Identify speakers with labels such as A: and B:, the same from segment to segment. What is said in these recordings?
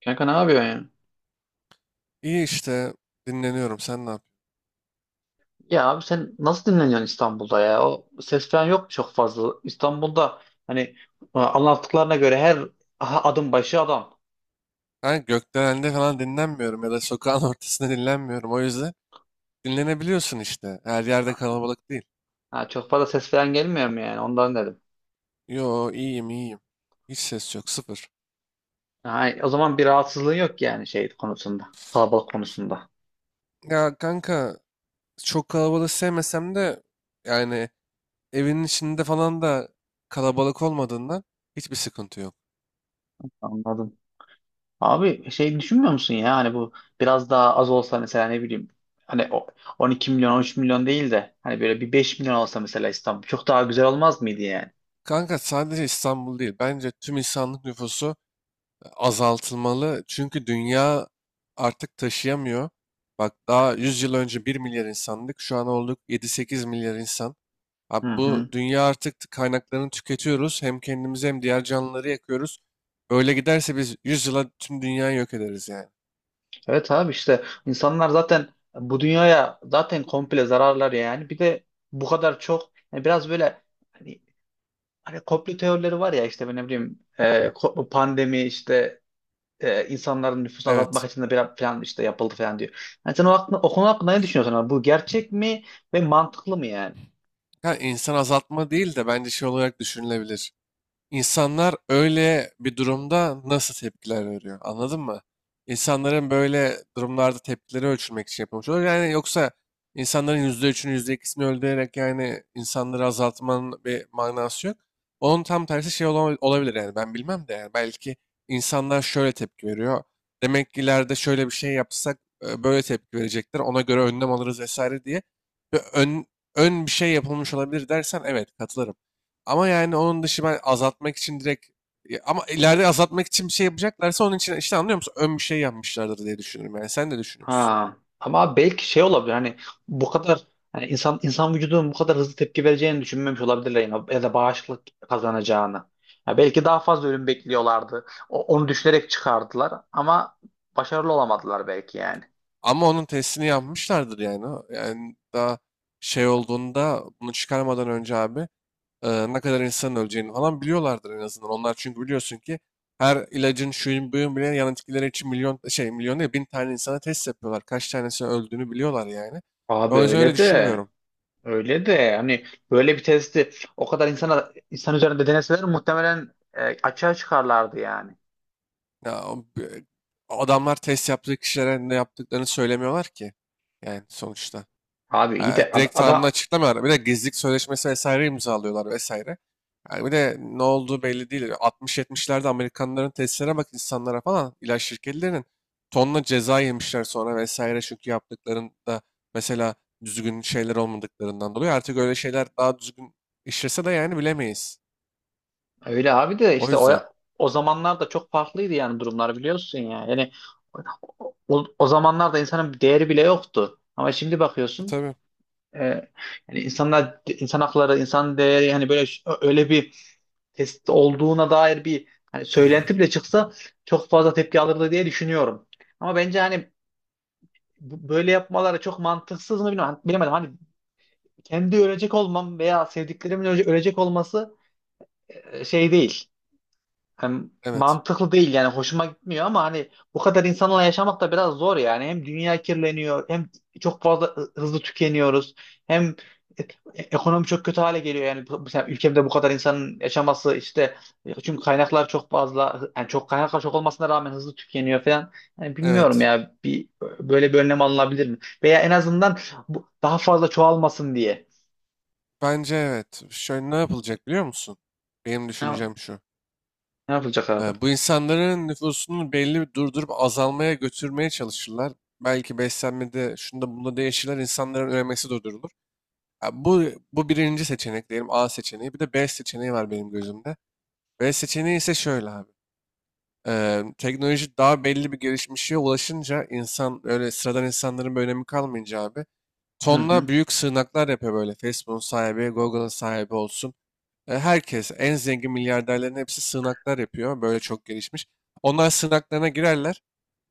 A: Kanka ne yapıyorsun ya?
B: İyi işte dinleniyorum. Sen ne yapıyorsun?
A: Ya abi sen nasıl dinleniyorsun İstanbul'da ya? O ses falan yok mu çok fazla? İstanbul'da hani anlattıklarına göre her aha, adım başı adam.
B: Ben gökdelende falan dinlenmiyorum ya da sokağın ortasında dinlenmiyorum. O yüzden dinlenebiliyorsun işte. Her yerde
A: Ha,
B: kalabalık değil.
A: ha, çok fazla ses falan gelmiyor mu yani? Ondan dedim.
B: Yo iyiyim iyiyim. Hiç ses yok sıfır.
A: Ha, o zaman bir rahatsızlığın yok yani şey konusunda. Kalabalık konusunda.
B: Ya kanka çok kalabalık sevmesem de yani evinin içinde falan da kalabalık olmadığından hiçbir sıkıntı yok.
A: Anladım. Abi şey düşünmüyor musun ya? Hani bu biraz daha az olsa mesela ne bileyim. Hani o 12 milyon 13 milyon değil de hani böyle bir 5 milyon olsa mesela İstanbul çok daha güzel olmaz mıydı yani?
B: Kanka sadece İstanbul değil. Bence tüm insanlık nüfusu azaltılmalı. Çünkü dünya artık taşıyamıyor. Bak daha 100 yıl önce 1 milyar insandık. Şu an olduk 7-8 milyar insan. Abi
A: Hı
B: bu
A: hı.
B: dünya artık kaynaklarını tüketiyoruz. Hem kendimizi hem diğer canlıları yakıyoruz. Böyle giderse biz 100 yıla tüm dünyayı yok ederiz yani.
A: Evet abi işte insanlar zaten bu dünyaya zaten komple zararlar yani. Bir de bu kadar çok yani biraz böyle hani, hani komplo teorileri var ya işte ben ne bileyim, pandemi işte insanların nüfusunu azaltmak
B: Evet.
A: için de biraz falan işte yapıldı falan diyor. Yani sen o konu hakkında ne düşünüyorsun abi? Bu gerçek mi ve mantıklı mı yani?
B: Ha, insan azaltma değil de bence şey olarak düşünülebilir. İnsanlar öyle bir durumda nasıl tepkiler veriyor? Anladın mı? İnsanların böyle durumlarda tepkileri ölçülmek için yapılmış olur. Yani yoksa insanların %3'ünü yüzde %2'sini öldürerek yani insanları azaltmanın bir manası yok. Onun tam tersi şey olabilir yani ben bilmem de yani belki insanlar şöyle tepki veriyor. Demek ki ileride şöyle bir şey yapsak böyle tepki verecekler. Ona göre önlem alırız vesaire diye. Ve ön bir şey yapılmış olabilir dersen evet katılırım. Ama yani onun dışı ben azaltmak için direkt. Ya, ama ileride azaltmak için bir şey yapacaklarsa onun için işte anlıyor musun? Ön bir şey yapmışlardır diye düşünüyorum yani. Sen de düşünüyorsun.
A: Ha. Ama belki şey olabilir hani bu kadar hani insan vücudunun bu kadar hızlı tepki vereceğini düşünmemiş olabilirler yine, ya da bağışıklık kazanacağını. Ya belki daha fazla ölüm bekliyorlardı. Onu düşünerek çıkardılar ama başarılı olamadılar belki yani.
B: Ama onun testini yapmışlardır yani. Yani daha şey olduğunda bunu çıkarmadan önce abi ne kadar insanın öleceğini falan biliyorlardır en azından. Onlar çünkü biliyorsun ki her ilacın şuyun buyun bile yan etkileri için milyon şey milyon değil bin tane insana test yapıyorlar. Kaç tanesinin öldüğünü biliyorlar yani.
A: Abi
B: O yüzden öyle
A: öyle de
B: düşünmüyorum.
A: hani böyle bir testi o kadar insan üzerinde deneseler muhtemelen, açığa çıkarlardı yani.
B: Ya, adamlar test yaptığı kişilere ne yaptıklarını söylemiyorlar ki. Yani sonuçta.
A: Abi
B: Ee,
A: iyi de
B: direkt
A: adam.
B: tamamını açıklamıyorlar. Bir de gizlilik sözleşmesi vesaire imzalıyorlar vesaire. Yani bir de ne olduğu belli değil. 60-70'lerde Amerikanların testlere bak insanlara falan ilaç şirketlerinin tonla ceza yemişler sonra vesaire çünkü yaptıklarında mesela düzgün şeyler olmadıklarından dolayı artık öyle şeyler daha düzgün işlese de yani bilemeyiz.
A: Öyle abi de
B: O
A: işte o
B: yüzden.
A: o zamanlar da çok farklıydı yani durumlar biliyorsun ya. Yani o zamanlarda insanın bir değeri bile yoktu. Ama şimdi
B: E,
A: bakıyorsun
B: tabii.
A: e, yani insanlar, insan hakları, insan değeri yani öyle bir test olduğuna dair bir hani söylenti bile çıksa çok fazla tepki alırdı diye düşünüyorum. Ama bence hani böyle yapmaları çok mantıksız mı bilmiyorum. Hani bilemedim. Hani kendi ölecek olmam veya sevdiklerimin ölecek olması şey değil. Hani
B: Evet.
A: mantıklı değil yani hoşuma gitmiyor ama hani bu kadar insanla yaşamak da biraz zor yani. Hem dünya kirleniyor hem çok fazla hızlı tükeniyoruz. Hem e- ekonomi çok kötü hale geliyor yani. Mesela ülkemde bu kadar insanın yaşaması işte, çünkü kaynaklar çok fazla yani çok, kaynaklar çok olmasına rağmen hızlı tükeniyor falan. Yani bilmiyorum
B: Evet.
A: ya, bir böyle bir önlem alınabilir mi? Veya en azından bu daha fazla çoğalmasın diye.
B: Bence evet. Şöyle ne yapılacak biliyor musun? Benim
A: Ne,
B: düşüncem şu.
A: ne yapılacak abi?
B: Bu insanların nüfusunu belli bir durdurup azalmaya götürmeye çalışırlar. Belki beslenmede şunda bunda değişirler. İnsanların üremesi durdurulur. Ha, bu birinci seçenek diyelim A seçeneği. Bir de B seçeneği var benim gözümde. B seçeneği ise şöyle abi. Teknoloji daha belli bir gelişmişe ulaşınca insan öyle sıradan insanların bir önemi kalmayınca abi.
A: Hı
B: Tonla
A: hı.
B: büyük sığınaklar yapıyor böyle. Facebook'un sahibi, Google'ın sahibi olsun. Herkes, en zengin milyarderlerin hepsi sığınaklar yapıyor. Böyle çok gelişmiş. Onlar sığınaklarına girerler.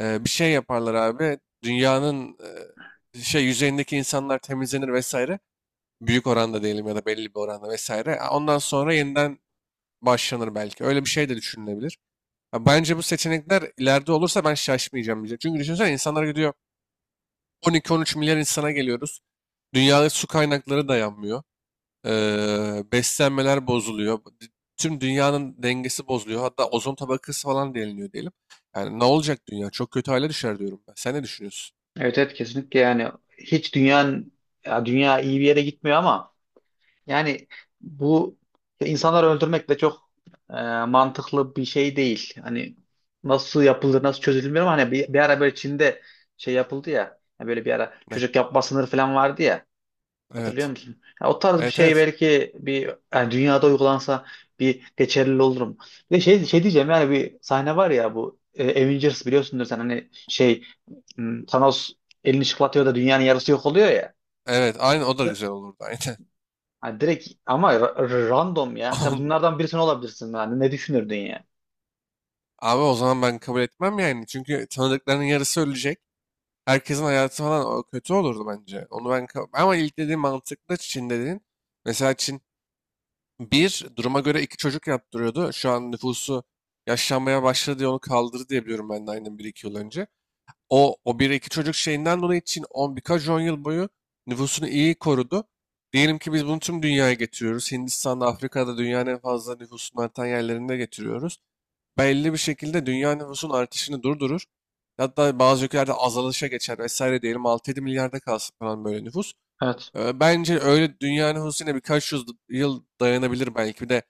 B: Bir şey yaparlar abi. Dünyanın şey yüzeyindeki insanlar temizlenir vesaire. Büyük oranda diyelim ya da belli bir oranda vesaire. Ondan sonra yeniden başlanır belki. Öyle bir şey de düşünülebilir. Ya bence bu seçenekler ileride olursa ben şaşmayacağım diyecek. Çünkü düşünsene insanlar gidiyor 12-13 milyar insana geliyoruz. Dünyada su kaynakları dayanmıyor. Beslenmeler bozuluyor. Tüm dünyanın dengesi bozuluyor. Hatta ozon tabakası falan deliniyor diyelim. Yani ne olacak dünya? Çok kötü hale düşer diyorum ben. Sen ne düşünüyorsun?
A: Evet evet kesinlikle yani, hiç dünyanın, ya dünya iyi bir yere gitmiyor ama yani bu insanları öldürmek de çok e, mantıklı bir şey değil. Hani nasıl yapıldı, nasıl çözülür bilmiyorum. Hani bir ara böyle Çin'de şey yapıldı ya, hani böyle bir ara
B: Ne?
A: çocuk yapma sınırı falan vardı ya. Hatırlıyor
B: Evet.
A: musun? Ya o tarz bir
B: Evet
A: şey
B: evet.
A: belki bir yani dünyada uygulansa bir geçerli olurum. Bir de şey, şey diyeceğim, yani bir sahne var ya bu Avengers, biliyorsundur sen, hani şey, Thanos elini çıklatıyor da dünyanın yarısı yok oluyor ya.
B: Evet aynı o da güzel olurdu aynen.
A: Hani direkt ama random ya. Sen bunlardan birisi olabilirsin yani, ne düşünürdün ya?
B: Abi o zaman ben kabul etmem yani. Çünkü tanıdıklarının yarısı ölecek. Herkesin hayatı falan o kötü olurdu bence. Onu ben ama ilk dediğim mantıklı Çin dediğin. Mesela Çin. Bir, duruma göre iki çocuk yaptırıyordu. Şu an nüfusu yaşlanmaya başladı diye onu kaldırdı diye biliyorum ben de aynen bir iki yıl önce. O bir iki çocuk şeyinden dolayı için on birkaç on yıl boyu nüfusunu iyi korudu. Diyelim ki biz bunu tüm dünyaya getiriyoruz. Hindistan'da, Afrika'da dünyanın en fazla nüfusunun artan yerlerinde getiriyoruz. Belli bir şekilde dünya nüfusun artışını durdurur. Hatta bazı ülkelerde azalışa geçer vesaire diyelim 6-7 milyarda kalsın falan böyle nüfus.
A: Evet.
B: Bence öyle dünyanın huzusuyla birkaç yüz yıl dayanabilir belki. Bir de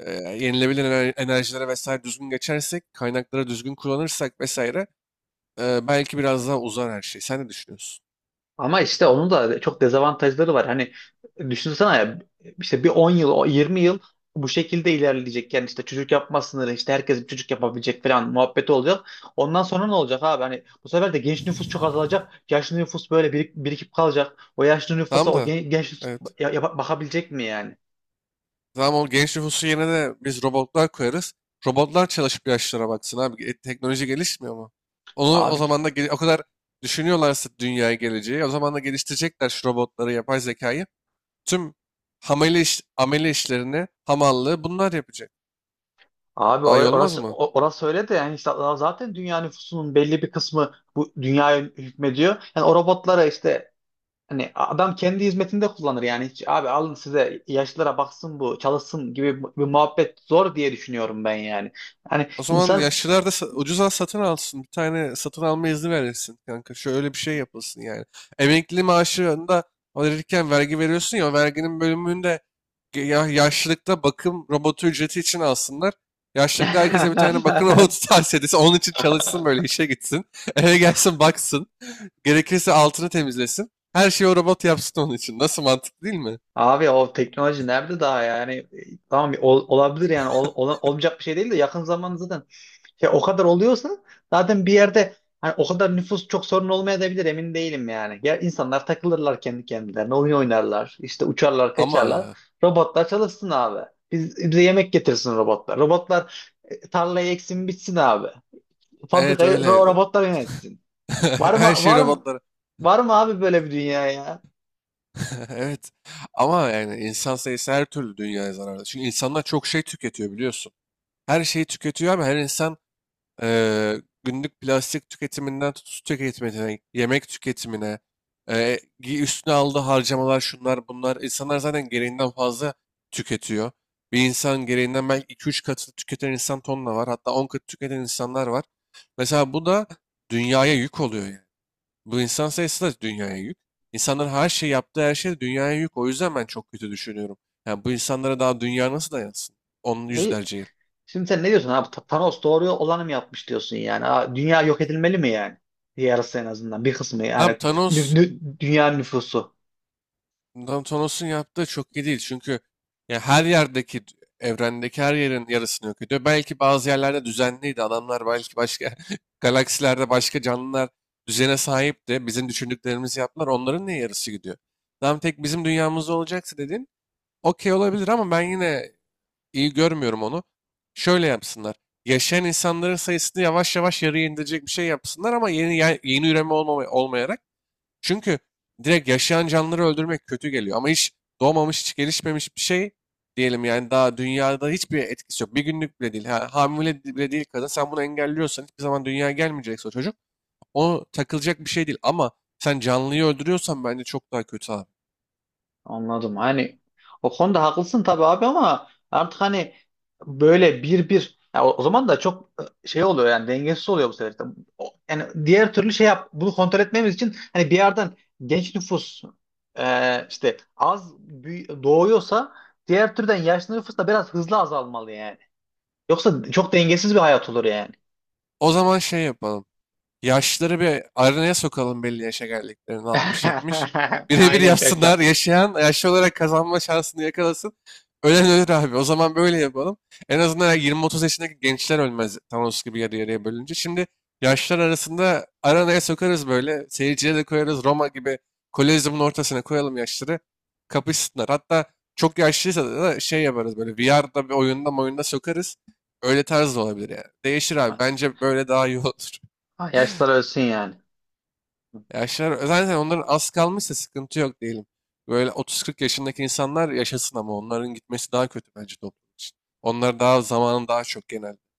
B: yenilebilir enerjilere vesaire düzgün geçersek, kaynakları düzgün kullanırsak vesaire belki biraz daha uzar her şey. Sen ne düşünüyorsun?
A: Ama işte onun da çok dezavantajları var. Hani düşünsene ya, işte bir 10 yıl, o 20 yıl bu şekilde ilerleyecek. Yani işte çocuk yapma sınırı, işte herkes bir çocuk yapabilecek falan muhabbeti olacak. Ondan sonra ne olacak abi? Hani bu sefer de genç nüfus çok azalacak. Yaşlı nüfus böyle birikip kalacak. O yaşlı nüfusa
B: Tamam
A: o
B: da
A: genç nüfus
B: evet.
A: bakabilecek mi yani?
B: Tamam o genç nüfusu yerine de biz robotlar koyarız. Robotlar çalışıp yaşlara baksın abi. Teknoloji gelişmiyor mu? Onu o
A: Abi
B: zaman da o kadar düşünüyorlarsa dünyaya geleceği o zaman da geliştirecekler şu robotları, yapay zekayı. Tüm amele, iş, amele işlerini, hamallığı bunlar yapacak.
A: abi
B: Daha iyi olmaz mı?
A: orası öyle de yani işte zaten dünya nüfusunun belli bir kısmı bu dünyaya hükmediyor. Yani o robotlara işte, hani adam kendi hizmetinde kullanır yani, hiç abi alın size, yaşlılara baksın bu çalışsın gibi bir muhabbet zor diye düşünüyorum ben yani. Hani
B: O zaman
A: insan.
B: yaşlılar da ucuza satın alsın. Bir tane satın alma izni verilsin kanka. Şöyle bir şey yapılsın yani. Emekli maaşında alırken vergi veriyorsun ya o verginin bölümünde ya yaşlılıkta bakım robotu ücreti için alsınlar. Yaşlılıkta herkese bir tane bakım robotu tavsiye edilsin. Onun için çalışsın böyle işe gitsin. Eve gelsin baksın. Gerekirse altını temizlesin. Her şeyi o robot yapsın onun için. Nasıl mantıklı değil mi?
A: Abi o teknoloji nerede daha yani, tamam olabilir yani, olmayacak bir şey değil de yakın zamanda zaten. Ya o kadar oluyorsa zaten bir yerde hani o kadar nüfus çok sorun olmayabilir, emin değilim yani. Ya insanlar takılırlar kendi kendilerine, oyun oynarlar, işte uçarlar, kaçarlar.
B: Ama
A: Robotlar çalışsın abi. Biz, bize yemek getirsin robotlar. Robotlar tarlayı eksin bitsin abi.
B: evet
A: Fabrikayı
B: öyle.
A: robotlar yönetsin. Var mı,
B: Her şey
A: var mı,
B: robotlara.
A: var mı abi böyle bir dünya ya?
B: Evet. Ama yani insan sayısı her türlü dünyaya zararlı. Çünkü insanlar çok şey tüketiyor biliyorsun. Her şeyi tüketiyor ama her insan günlük plastik tüketiminden tut su tüketimine, yemek tüketimine, üstüne aldığı harcamalar şunlar bunlar. İnsanlar zaten gereğinden fazla tüketiyor. Bir insan gereğinden belki 2-3 katı tüketen insan tonla var. Hatta 10 katı tüketen insanlar var. Mesela bu da dünyaya yük oluyor yani. Bu insan sayısı da dünyaya yük. İnsanların her şey yaptığı her şey de dünyaya yük. O yüzden ben çok kötü düşünüyorum. Yani bu insanlara daha dünya nasıl dayansın? Onun
A: Ne,
B: yüzlerce yıl.
A: şimdi sen ne diyorsun abi? Thanos doğru olanı mı yapmış diyorsun yani? Ha, dünya yok edilmeli mi yani? Yarısı, en azından bir kısmı yani,
B: Abi Thanos,
A: dünya nüfusu.
B: Thanos'un yaptığı çok iyi değil. Çünkü ya her yerdeki, evrendeki her yerin yarısını yok ediyor. Belki bazı yerlerde düzenliydi. Adamlar belki başka galaksilerde başka canlılar düzene sahipti. Bizim düşündüklerimizi yaptılar. Onların ne yarısı gidiyor? Tam tek bizim dünyamızda olacaksa dedin. Okey olabilir ama ben yine iyi görmüyorum onu. Şöyle yapsınlar. Yaşayan insanların sayısını yavaş yavaş yarıya indirecek bir şey yapsınlar ama yeni yeni üreme olmama, olmayarak. Çünkü direkt yaşayan canlıları öldürmek kötü geliyor. Ama hiç doğmamış, hiç gelişmemiş bir şey diyelim yani daha dünyada hiçbir etkisi yok. Bir günlük bile değil. Ha, hamile bile değil kadın. Sen bunu engelliyorsan hiçbir zaman dünyaya gelmeyecekse o çocuk. O takılacak bir şey değil. Ama sen canlıyı öldürüyorsan bence çok daha kötü abi.
A: Anladım. Hani o konuda haklısın tabii abi ama artık hani böyle bir ya, o zaman da çok şey oluyor yani, dengesiz oluyor bu sefer. İşte yani diğer türlü şey yap, bunu kontrol etmemiz için hani bir yerden genç nüfus işte az doğuyorsa, diğer türden yaşlı nüfus da biraz hızlı azalmalı yani. Yoksa çok dengesiz bir hayat olur yani.
B: O zaman şey yapalım. Yaşları bir aranaya sokalım belli yaşa geldiklerini 60-70. Birebir
A: Aynen kanka.
B: yapsınlar. Yaşayan yaşlı olarak kazanma şansını yakalasın. Ölen ölür abi. O zaman böyle yapalım. En azından 20-30 yaşındaki gençler ölmez Thanos gibi yarı yarıya bölünce. Şimdi yaşlar arasında aranaya sokarız böyle. Seyirciye de koyarız. Roma gibi Kolezyumun ortasına koyalım yaşları. Kapışsınlar. Hatta çok yaşlıysa da şey yaparız böyle VR'da bir oyunda sokarız. Öyle tarz da olabilir yani. Değişir abi. Bence böyle daha iyi olur.
A: Yaşlılar ölsün yani.
B: Yaşlar zaten onların az kalmışsa sıkıntı yok diyelim. Böyle 30-40 yaşındaki insanlar yaşasın ama onların gitmesi daha kötü bence toplum için. Onlar daha zamanın daha çok genelde.